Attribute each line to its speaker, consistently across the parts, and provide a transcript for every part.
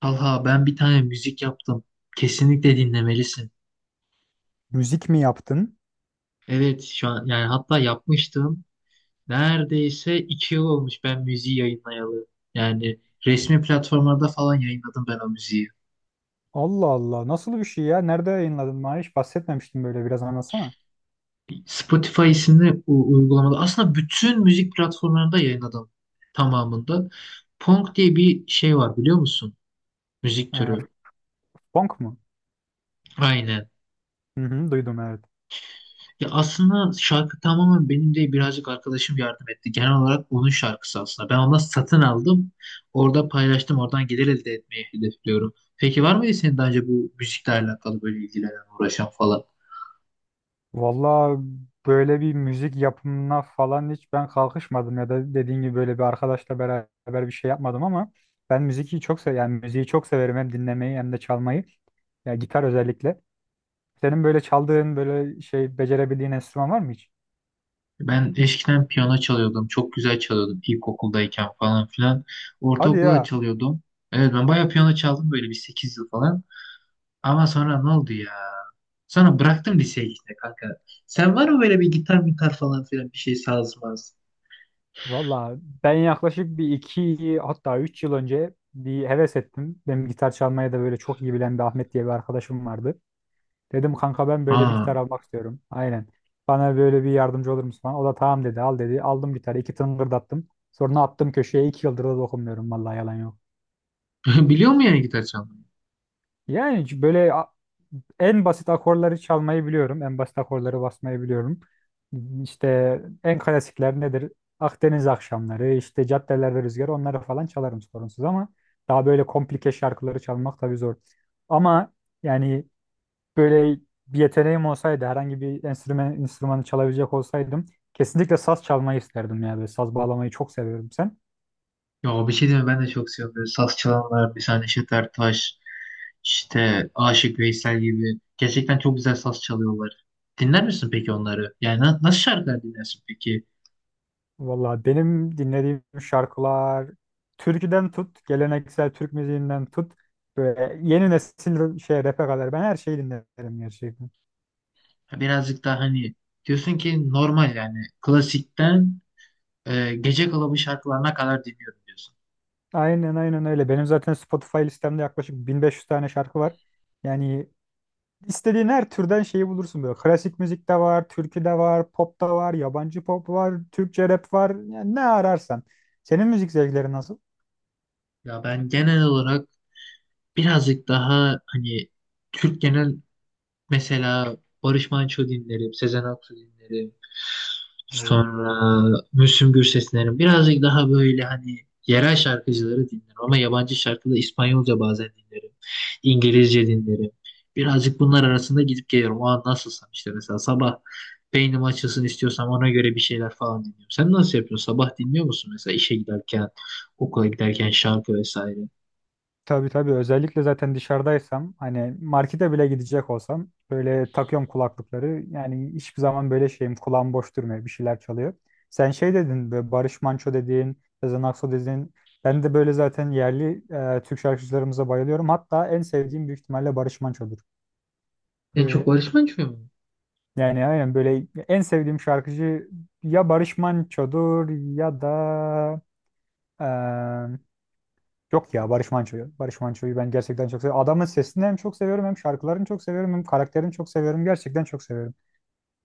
Speaker 1: Talha ben bir tane müzik yaptım. Kesinlikle dinlemelisin.
Speaker 2: Müzik mi yaptın?
Speaker 1: Evet şu an yani hatta yapmıştım. Neredeyse iki yıl olmuş ben müziği yayınlayalı. Yani resmi platformlarda falan yayınladım ben o müziği.
Speaker 2: Allah Allah. Nasıl bir şey ya? Nerede yayınladın? Bana hiç bahsetmemiştin böyle. Biraz anlatsana.
Speaker 1: Spotify isimli uygulamada aslında bütün müzik platformlarında yayınladım tamamında. Punk diye bir şey var biliyor musun? Müzik
Speaker 2: Ee,
Speaker 1: türü.
Speaker 2: funk mu?
Speaker 1: Aynen.
Speaker 2: Hı hı, duydum evet.
Speaker 1: Ya aslında şarkı tamamen benim değil, birazcık arkadaşım yardım etti. Genel olarak onun şarkısı aslında. Ben ondan satın aldım. Orada paylaştım. Oradan gelir elde etmeyi hedefliyorum. Peki var mıydı senin daha önce bu müzikle alakalı böyle ilgilenen, uğraşan falan?
Speaker 2: Valla böyle bir müzik yapımına falan hiç ben kalkışmadım ya da dediğin gibi böyle bir arkadaşla beraber bir şey yapmadım ama ben müziği çok sev yani müziği çok severim hem dinlemeyi hem de çalmayı. Ya gitar özellikle. Senin böyle çaldığın böyle şey becerebildiğin enstrüman var mı hiç?
Speaker 1: Ben eskiden piyano çalıyordum. Çok güzel çalıyordum ilkokuldayken falan filan.
Speaker 2: Hadi
Speaker 1: Ortaokulda da
Speaker 2: ya.
Speaker 1: çalıyordum. Evet, ben bayağı piyano çaldım, böyle bir 8 yıl falan. Ama sonra ne oldu ya? Sonra bıraktım liseye işte kanka. Sen var mı böyle bir gitar falan filan bir şey sazmaz?
Speaker 2: Valla ben yaklaşık bir iki hatta üç yıl önce bir heves ettim. Benim gitar çalmaya da böyle çok iyi bilen bir Ahmet diye bir arkadaşım vardı. Dedim kanka ben böyle bir
Speaker 1: Aa.
Speaker 2: gitar almak istiyorum. Aynen. Bana böyle bir yardımcı olur musun falan. O da tamam dedi al dedi. Aldım gitarı iki tıngırdattım. Sonra attım köşeye iki yıldır da dokunmuyorum vallahi yalan yok.
Speaker 1: Biliyor mu yani gitar çalmayı?
Speaker 2: Yani c- böyle a- en basit akorları çalmayı biliyorum. En basit akorları basmayı biliyorum. İşte en klasikler nedir? Akdeniz akşamları, işte caddelerde rüzgar onları falan çalarım sorunsuz ama daha böyle komplike şarkıları çalmak tabii zor. Ama yani böyle bir yeteneğim olsaydı, herhangi bir enstrüman, enstrümanı çalabilecek olsaydım kesinlikle saz çalmayı isterdim ya. Böyle saz bağlamayı çok seviyorum sen.
Speaker 1: Ya bir şey diyeyim mi? Ben de çok seviyorum. Böyle saz çalanlar, bir tane Neşet Taş işte Aşık Veysel gibi. Gerçekten çok güzel saz çalıyorlar. Dinler misin peki onları? Yani nasıl şarkılar dinlersin peki?
Speaker 2: Valla benim dinlediğim şarkılar türküden tut, geleneksel Türk müziğinden tut böyle yeni nesil şey rap'e kadar ben her şeyi dinlerim gerçekten.
Speaker 1: Ha, birazcık daha hani diyorsun ki normal yani klasikten gece kulübü şarkılarına kadar dinliyorum diyorsun.
Speaker 2: Aynen aynen öyle. Benim zaten Spotify listemde yaklaşık 1500 tane şarkı var. Yani istediğin her türden şeyi bulursun böyle. Klasik müzik de var, türkü de var, pop da var, yabancı pop var, Türkçe rap var. Yani ne ararsan. Senin müzik zevklerin nasıl?
Speaker 1: Ya ben genel olarak birazcık daha hani Türk genel. Mesela Barış Manço dinlerim, Sezen Aksu dinlerim.
Speaker 2: Oo.
Speaker 1: Sonra Müslüm Gürses dinlerim. Birazcık daha böyle hani yerel şarkıcıları dinlerim, ama yabancı şarkı da İspanyolca bazen dinlerim. İngilizce dinlerim. Birazcık bunlar arasında gidip geliyorum. O an nasılsam işte, mesela sabah beynim açılsın istiyorsam ona göre bir şeyler falan dinliyorum. Sen nasıl yapıyorsun? Sabah dinliyor musun mesela işe giderken, okula giderken şarkı vesaire?
Speaker 2: Tabii tabii özellikle zaten dışarıdaysam hani markete bile gidecek olsam böyle takıyorum kulaklıkları. Yani hiçbir zaman böyle şeyim kulağım boş durmuyor bir şeyler çalıyor. Sen şey dedin böyle Barış Manço dediğin, Sezen Aksu dediğin ben de böyle zaten yerli Türk şarkıcılarımıza bayılıyorum. Hatta en sevdiğim büyük ihtimalle Barış Manço'dur.
Speaker 1: En çok
Speaker 2: Böyle,
Speaker 1: Barış Manço'yu mu?
Speaker 2: yani aynen böyle en sevdiğim şarkıcı ya Barış Manço'dur ya da yok ya Barış Manço'yu. Barış Manço'yu ben gerçekten çok seviyorum. Adamın sesini hem çok seviyorum hem şarkılarını çok seviyorum hem karakterini çok seviyorum. Gerçekten çok seviyorum.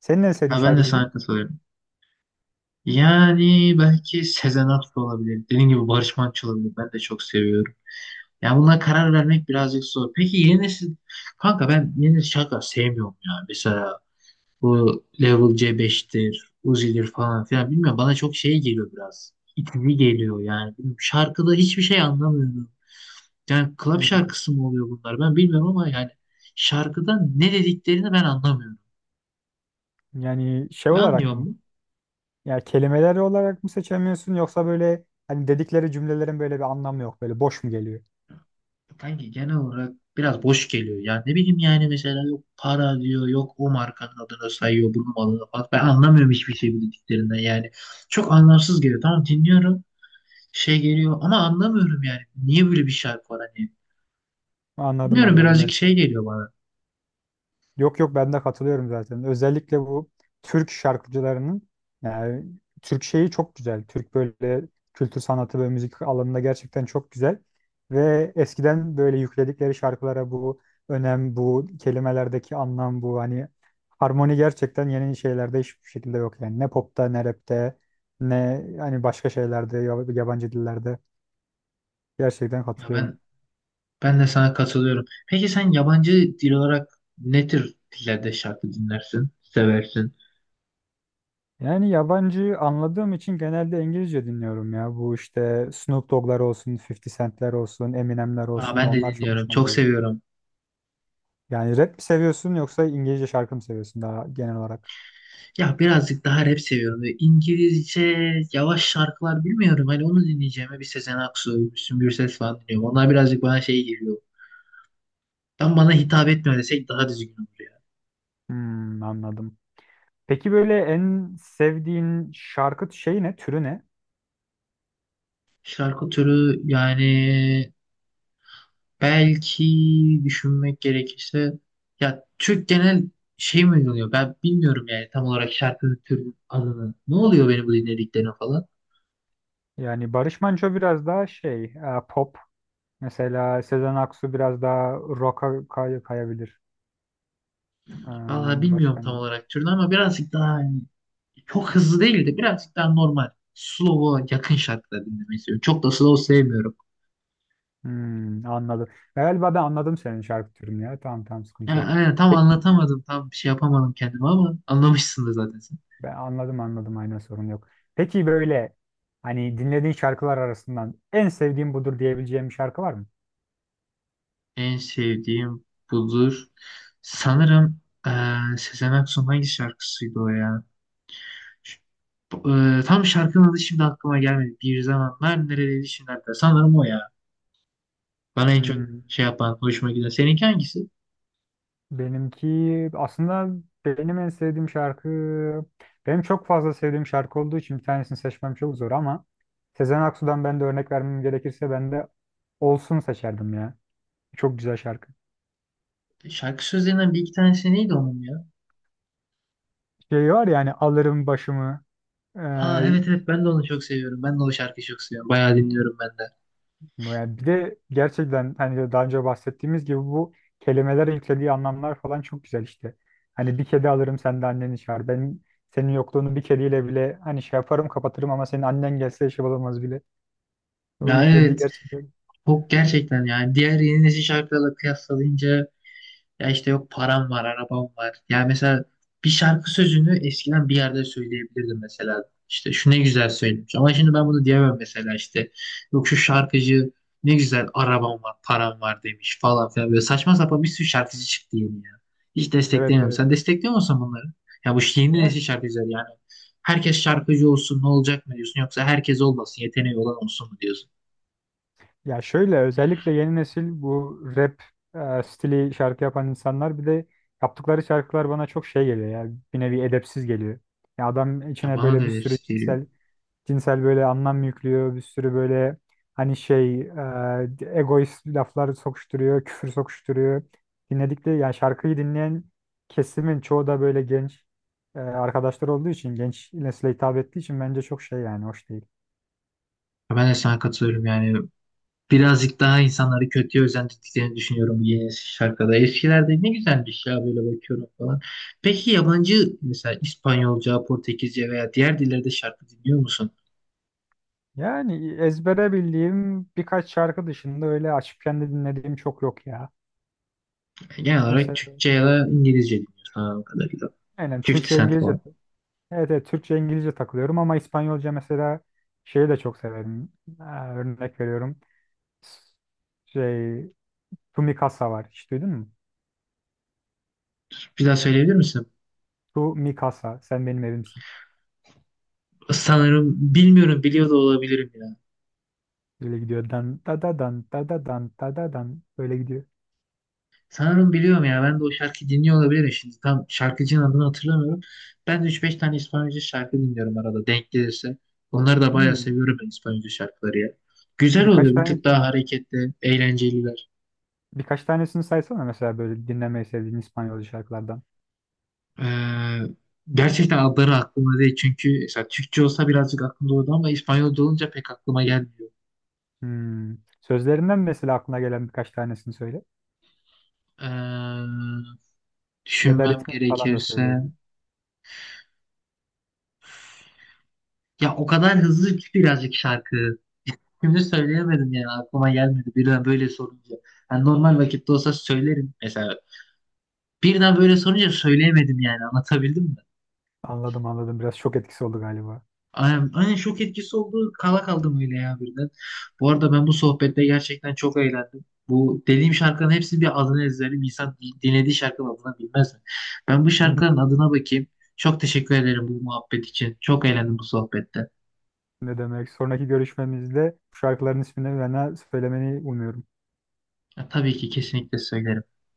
Speaker 2: Senin en sevdiğin
Speaker 1: Ha, ben de
Speaker 2: şarkıcı kim?
Speaker 1: sana katılıyorum. Yani belki Sezen Aksu olabilir. Dediğim gibi Barış Manço olabilir. Ben de çok seviyorum. Yani buna karar vermek birazcık zor. Peki yeni nesil, kanka ben yeni nesil şarkı sevmiyorum ya. Mesela bu Level C5'tir, Uzi'dir falan filan. Bilmiyorum, bana çok şey geliyor biraz. İtici geliyor yani. Bilmiyorum, şarkıda hiçbir şey anlamıyorum. Yani club
Speaker 2: Hmm.
Speaker 1: şarkısı mı oluyor bunlar? Ben bilmiyorum ama yani şarkıda ne dediklerini ben anlamıyorum.
Speaker 2: Yani şey
Speaker 1: Sen
Speaker 2: olarak
Speaker 1: anlıyor
Speaker 2: mı?
Speaker 1: musun?
Speaker 2: Ya kelimeleri olarak mı seçemiyorsun yoksa böyle hani dedikleri cümlelerin böyle bir anlamı yok. Böyle boş mu geliyor?
Speaker 1: Kanki genel olarak biraz boş geliyor. Yani ne bileyim, yani mesela yok para diyor, yok o markanın adını sayıyor, bunun malını falan. Ben anlamıyorum hiçbir şey bu dediklerinden yani. Çok anlamsız geliyor. Tamam, dinliyorum, şey geliyor ama anlamıyorum yani. Niye böyle bir şarkı var hani?
Speaker 2: Anladım
Speaker 1: Bilmiyorum,
Speaker 2: anladım.
Speaker 1: birazcık şey geliyor bana.
Speaker 2: Yok yok ben de katılıyorum zaten. Özellikle bu Türk şarkıcılarının yani Türk şeyi çok güzel. Türk böyle kültür sanatı ve müzik alanında gerçekten çok güzel. Ve eskiden böyle yükledikleri şarkılara bu önem, bu kelimelerdeki anlam, bu hani harmoni gerçekten yeni şeylerde hiçbir şekilde yok yani. Ne popta, ne rapte, ne hani başka şeylerde, yab- yabancı dillerde. Gerçekten
Speaker 1: Ya
Speaker 2: katılıyorum.
Speaker 1: ben ben de sana katılıyorum. Peki sen yabancı dil olarak ne tür dillerde şarkı dinlersin, seversin?
Speaker 2: Yani yabancı anladığım için genelde İngilizce dinliyorum ya. Bu işte Snoop Dogg'lar olsun, 50 Cent'ler olsun, Eminem'ler
Speaker 1: Aa,
Speaker 2: olsun
Speaker 1: ben de
Speaker 2: onlar çok
Speaker 1: dinliyorum,
Speaker 2: hoşuma
Speaker 1: çok
Speaker 2: gidiyor.
Speaker 1: seviyorum.
Speaker 2: Yani rap mi seviyorsun yoksa İngilizce şarkı mı seviyorsun daha genel olarak?
Speaker 1: Ya birazcık daha rap seviyorum. Böyle İngilizce yavaş şarkılar bilmiyorum. Hani onu dinleyeceğime bir Sezen Aksu, Müslüm Gürses falan dinliyorum. Onlar birazcık bana şey geliyor. Tam bana hitap etmiyor desek daha düzgün olur ya.
Speaker 2: Hmm, anladım. Peki böyle en sevdiğin şarkı şeyi ne, türü ne?
Speaker 1: Şarkı türü yani, belki düşünmek gerekirse, ya Türk genel şey mi oluyor? Ben bilmiyorum yani tam olarak şarkı türünün adını. Ne oluyor benim bu dinlediklerine falan.
Speaker 2: Yani Barış Manço biraz daha şey, pop. Mesela Sezen Aksu biraz daha rock'a kay- kayabilir. Ee,
Speaker 1: Valla bilmiyorum
Speaker 2: Başka ne
Speaker 1: tam
Speaker 2: var?
Speaker 1: olarak türünü, ama birazcık daha hani çok hızlı değil de birazcık daha normal. Slow'a yakın şarkılar dinlemeyi seviyorum. Çok da slow sevmiyorum.
Speaker 2: Hmm, anladım. Galiba ben anladım senin şarkı türünü ya. Tamam tamam sıkıntı
Speaker 1: Yani,
Speaker 2: yok.
Speaker 1: aynen, tam
Speaker 2: Peki,
Speaker 1: anlatamadım. Tam bir şey yapamadım kendime ama anlamışsındır zaten sen.
Speaker 2: ben anladım anladım aynen sorun yok. Peki böyle hani dinlediğin şarkılar arasından en sevdiğim budur diyebileceğim bir şarkı var mı?
Speaker 1: En sevdiğim budur. Sanırım Sezen Aksu'nun hangi şarkısıydı o ya? Ş- tam şarkının adı şimdi aklıma gelmedi. Bir zamanlar neredeydi şimdi hatta. Sanırım o ya. Bana en çok
Speaker 2: Hmm,
Speaker 1: şey yapan, hoşuma giden. Seninki hangisi?
Speaker 2: benimki aslında benim en sevdiğim şarkı benim çok fazla sevdiğim şarkı olduğu için bir tanesini seçmem çok zor ama Sezen Aksu'dan ben de örnek vermem gerekirse ben de Olsun seçerdim ya. Çok güzel şarkı.
Speaker 1: Şarkı sözlerinden bir iki tanesi neydi onun ya?
Speaker 2: Şey var ya hani alırım başımı.
Speaker 1: Aa,
Speaker 2: Ee,
Speaker 1: evet evet, ben de onu çok seviyorum. Ben de o şarkıyı çok seviyorum. Bayağı dinliyorum ben de.
Speaker 2: yani bir de gerçekten hani daha önce bahsettiğimiz gibi bu kelimeler yüklediği anlamlar falan çok güzel işte. Hani bir kedi alırım sen de anneni çağır. Ben senin yokluğunu bir kediyle bile hani şey yaparım kapatırım ama senin annen gelse şey olamaz bile. O
Speaker 1: Ya
Speaker 2: yüklediği
Speaker 1: evet.
Speaker 2: gerçekten.
Speaker 1: Çok gerçekten yani diğer yeni nesil şarkılarla kıyaslayınca, ya işte yok param var, arabam var. Ya mesela bir şarkı sözünü eskiden bir yerde söyleyebilirdim mesela. İşte şu ne güzel söylemiş. Ama şimdi ben bunu diyemem mesela işte. Yok şu şarkıcı ne güzel arabam var, param var demiş falan filan. Böyle saçma sapan bir sürü şarkıcı çıktı yeni ya. Hiç
Speaker 2: Evet
Speaker 1: desteklemiyorum.
Speaker 2: evet.
Speaker 1: Sen destekliyor musun bunları? Ya bu yeni nesil şarkıcılar yani. Herkes şarkıcı olsun ne olacak mı diyorsun? Yoksa herkes olmasın, yeteneği olan olsun mu diyorsun?
Speaker 2: Ya şöyle özellikle yeni nesil bu rap stili şarkı yapan insanlar bir de yaptıkları şarkılar bana çok şey geliyor ya bir nevi edepsiz geliyor. Ya adam
Speaker 1: Ya
Speaker 2: içine
Speaker 1: bana da
Speaker 2: böyle bir sürü
Speaker 1: hepsi geliyor.
Speaker 2: cinsel cinsel böyle anlam yüklüyor, bir sürü böyle hani şey egoist laflar sokuşturuyor, küfür sokuşturuyor. Dinledikleri yani şarkıyı dinleyen kesimin çoğu da böyle genç arkadaşlar olduğu için genç nesile hitap ettiği için bence çok şey yani hoş değil.
Speaker 1: Ya ben de sana katılıyorum yani. Birazcık daha insanları kötüye özendirdiklerini düşünüyorum bu yeni şarkıda. Eskilerde ne güzelmiş ya, böyle bakıyorum falan. Peki yabancı, mesela İspanyolca, Portekizce veya diğer dillerde şarkı dinliyor musun?
Speaker 2: Yani ezbere bildiğim birkaç şarkı dışında öyle açıp kendi dinlediğim çok yok ya.
Speaker 1: Yani genel olarak
Speaker 2: Mesela
Speaker 1: Türkçe ya da İngilizce dinliyorsun anladığım kadarıyla.
Speaker 2: aynen
Speaker 1: 50
Speaker 2: Türkçe
Speaker 1: Cent
Speaker 2: İngilizce
Speaker 1: falan.
Speaker 2: evet, evet Türkçe İngilizce takılıyorum ama İspanyolca mesela şeyi de çok severim. Ha, örnek veriyorum. S- şey Tu Mi Casa var. Hiç duydun mu?
Speaker 1: Bir daha söyleyebilir misin?
Speaker 2: Tu Mi Casa. Sen benim evimsin.
Speaker 1: Sanırım bilmiyorum, biliyor da olabilirim.
Speaker 2: Böyle gidiyor. Dan da da dan da da dan da da dan. Böyle gidiyor.
Speaker 1: Sanırım biliyorum ya. Ben de o şarkı dinliyor olabilirim şimdi. Tam şarkıcının adını hatırlamıyorum. Ben de 3-5 tane İspanyolca şarkı dinliyorum arada denk gelirse. Onları da bayağı
Speaker 2: Hmm.
Speaker 1: seviyorum ben İspanyolca şarkıları ya. Güzel
Speaker 2: Birkaç
Speaker 1: oluyor. Bir
Speaker 2: tane
Speaker 1: tık daha hareketli, eğlenceliler.
Speaker 2: birkaç tanesini saysana mesela böyle dinlemeyi sevdiğin İspanyolca şarkılardan.
Speaker 1: Ee, gerçekten adları aklıma değil. Çünkü mesela Türkçe olsa birazcık aklımda olurdu ama İspanyolca olunca pek aklıma gelmiyor.
Speaker 2: Hmm. Sözlerinden mesela aklına gelen birkaç tanesini söyle.
Speaker 1: Ee,
Speaker 2: Ya da
Speaker 1: düşünmem
Speaker 2: ritmini falan da
Speaker 1: gerekirse,
Speaker 2: söyleyebilirim.
Speaker 1: ya o kadar hızlı ki birazcık şarkı. Şimdi söyleyemedim yani, aklıma gelmedi birden böyle sorunca. Yani normal vakitte olsa söylerim mesela. Birden böyle sorunca söyleyemedim yani, anlatabildim mi?
Speaker 2: Anladım anladım. Biraz şok etkisi oldu galiba.
Speaker 1: Aynen, aynen şok etkisi oldu. Kala kaldım öyle ya birden. Bu arada ben bu sohbette gerçekten çok eğlendim. Bu dediğim şarkının hepsi bir adını ezberim. İnsan dinlediği şarkının adını bilmez mi? Ben bu şarkının adına bakayım. Çok teşekkür ederim bu muhabbet için. Çok eğlendim bu sohbette.
Speaker 2: Ne demek? Sonraki görüşmemizde bu şarkıların ismini bana söylemeni umuyorum.
Speaker 1: Ya, tabii ki kesinlikle söylerim.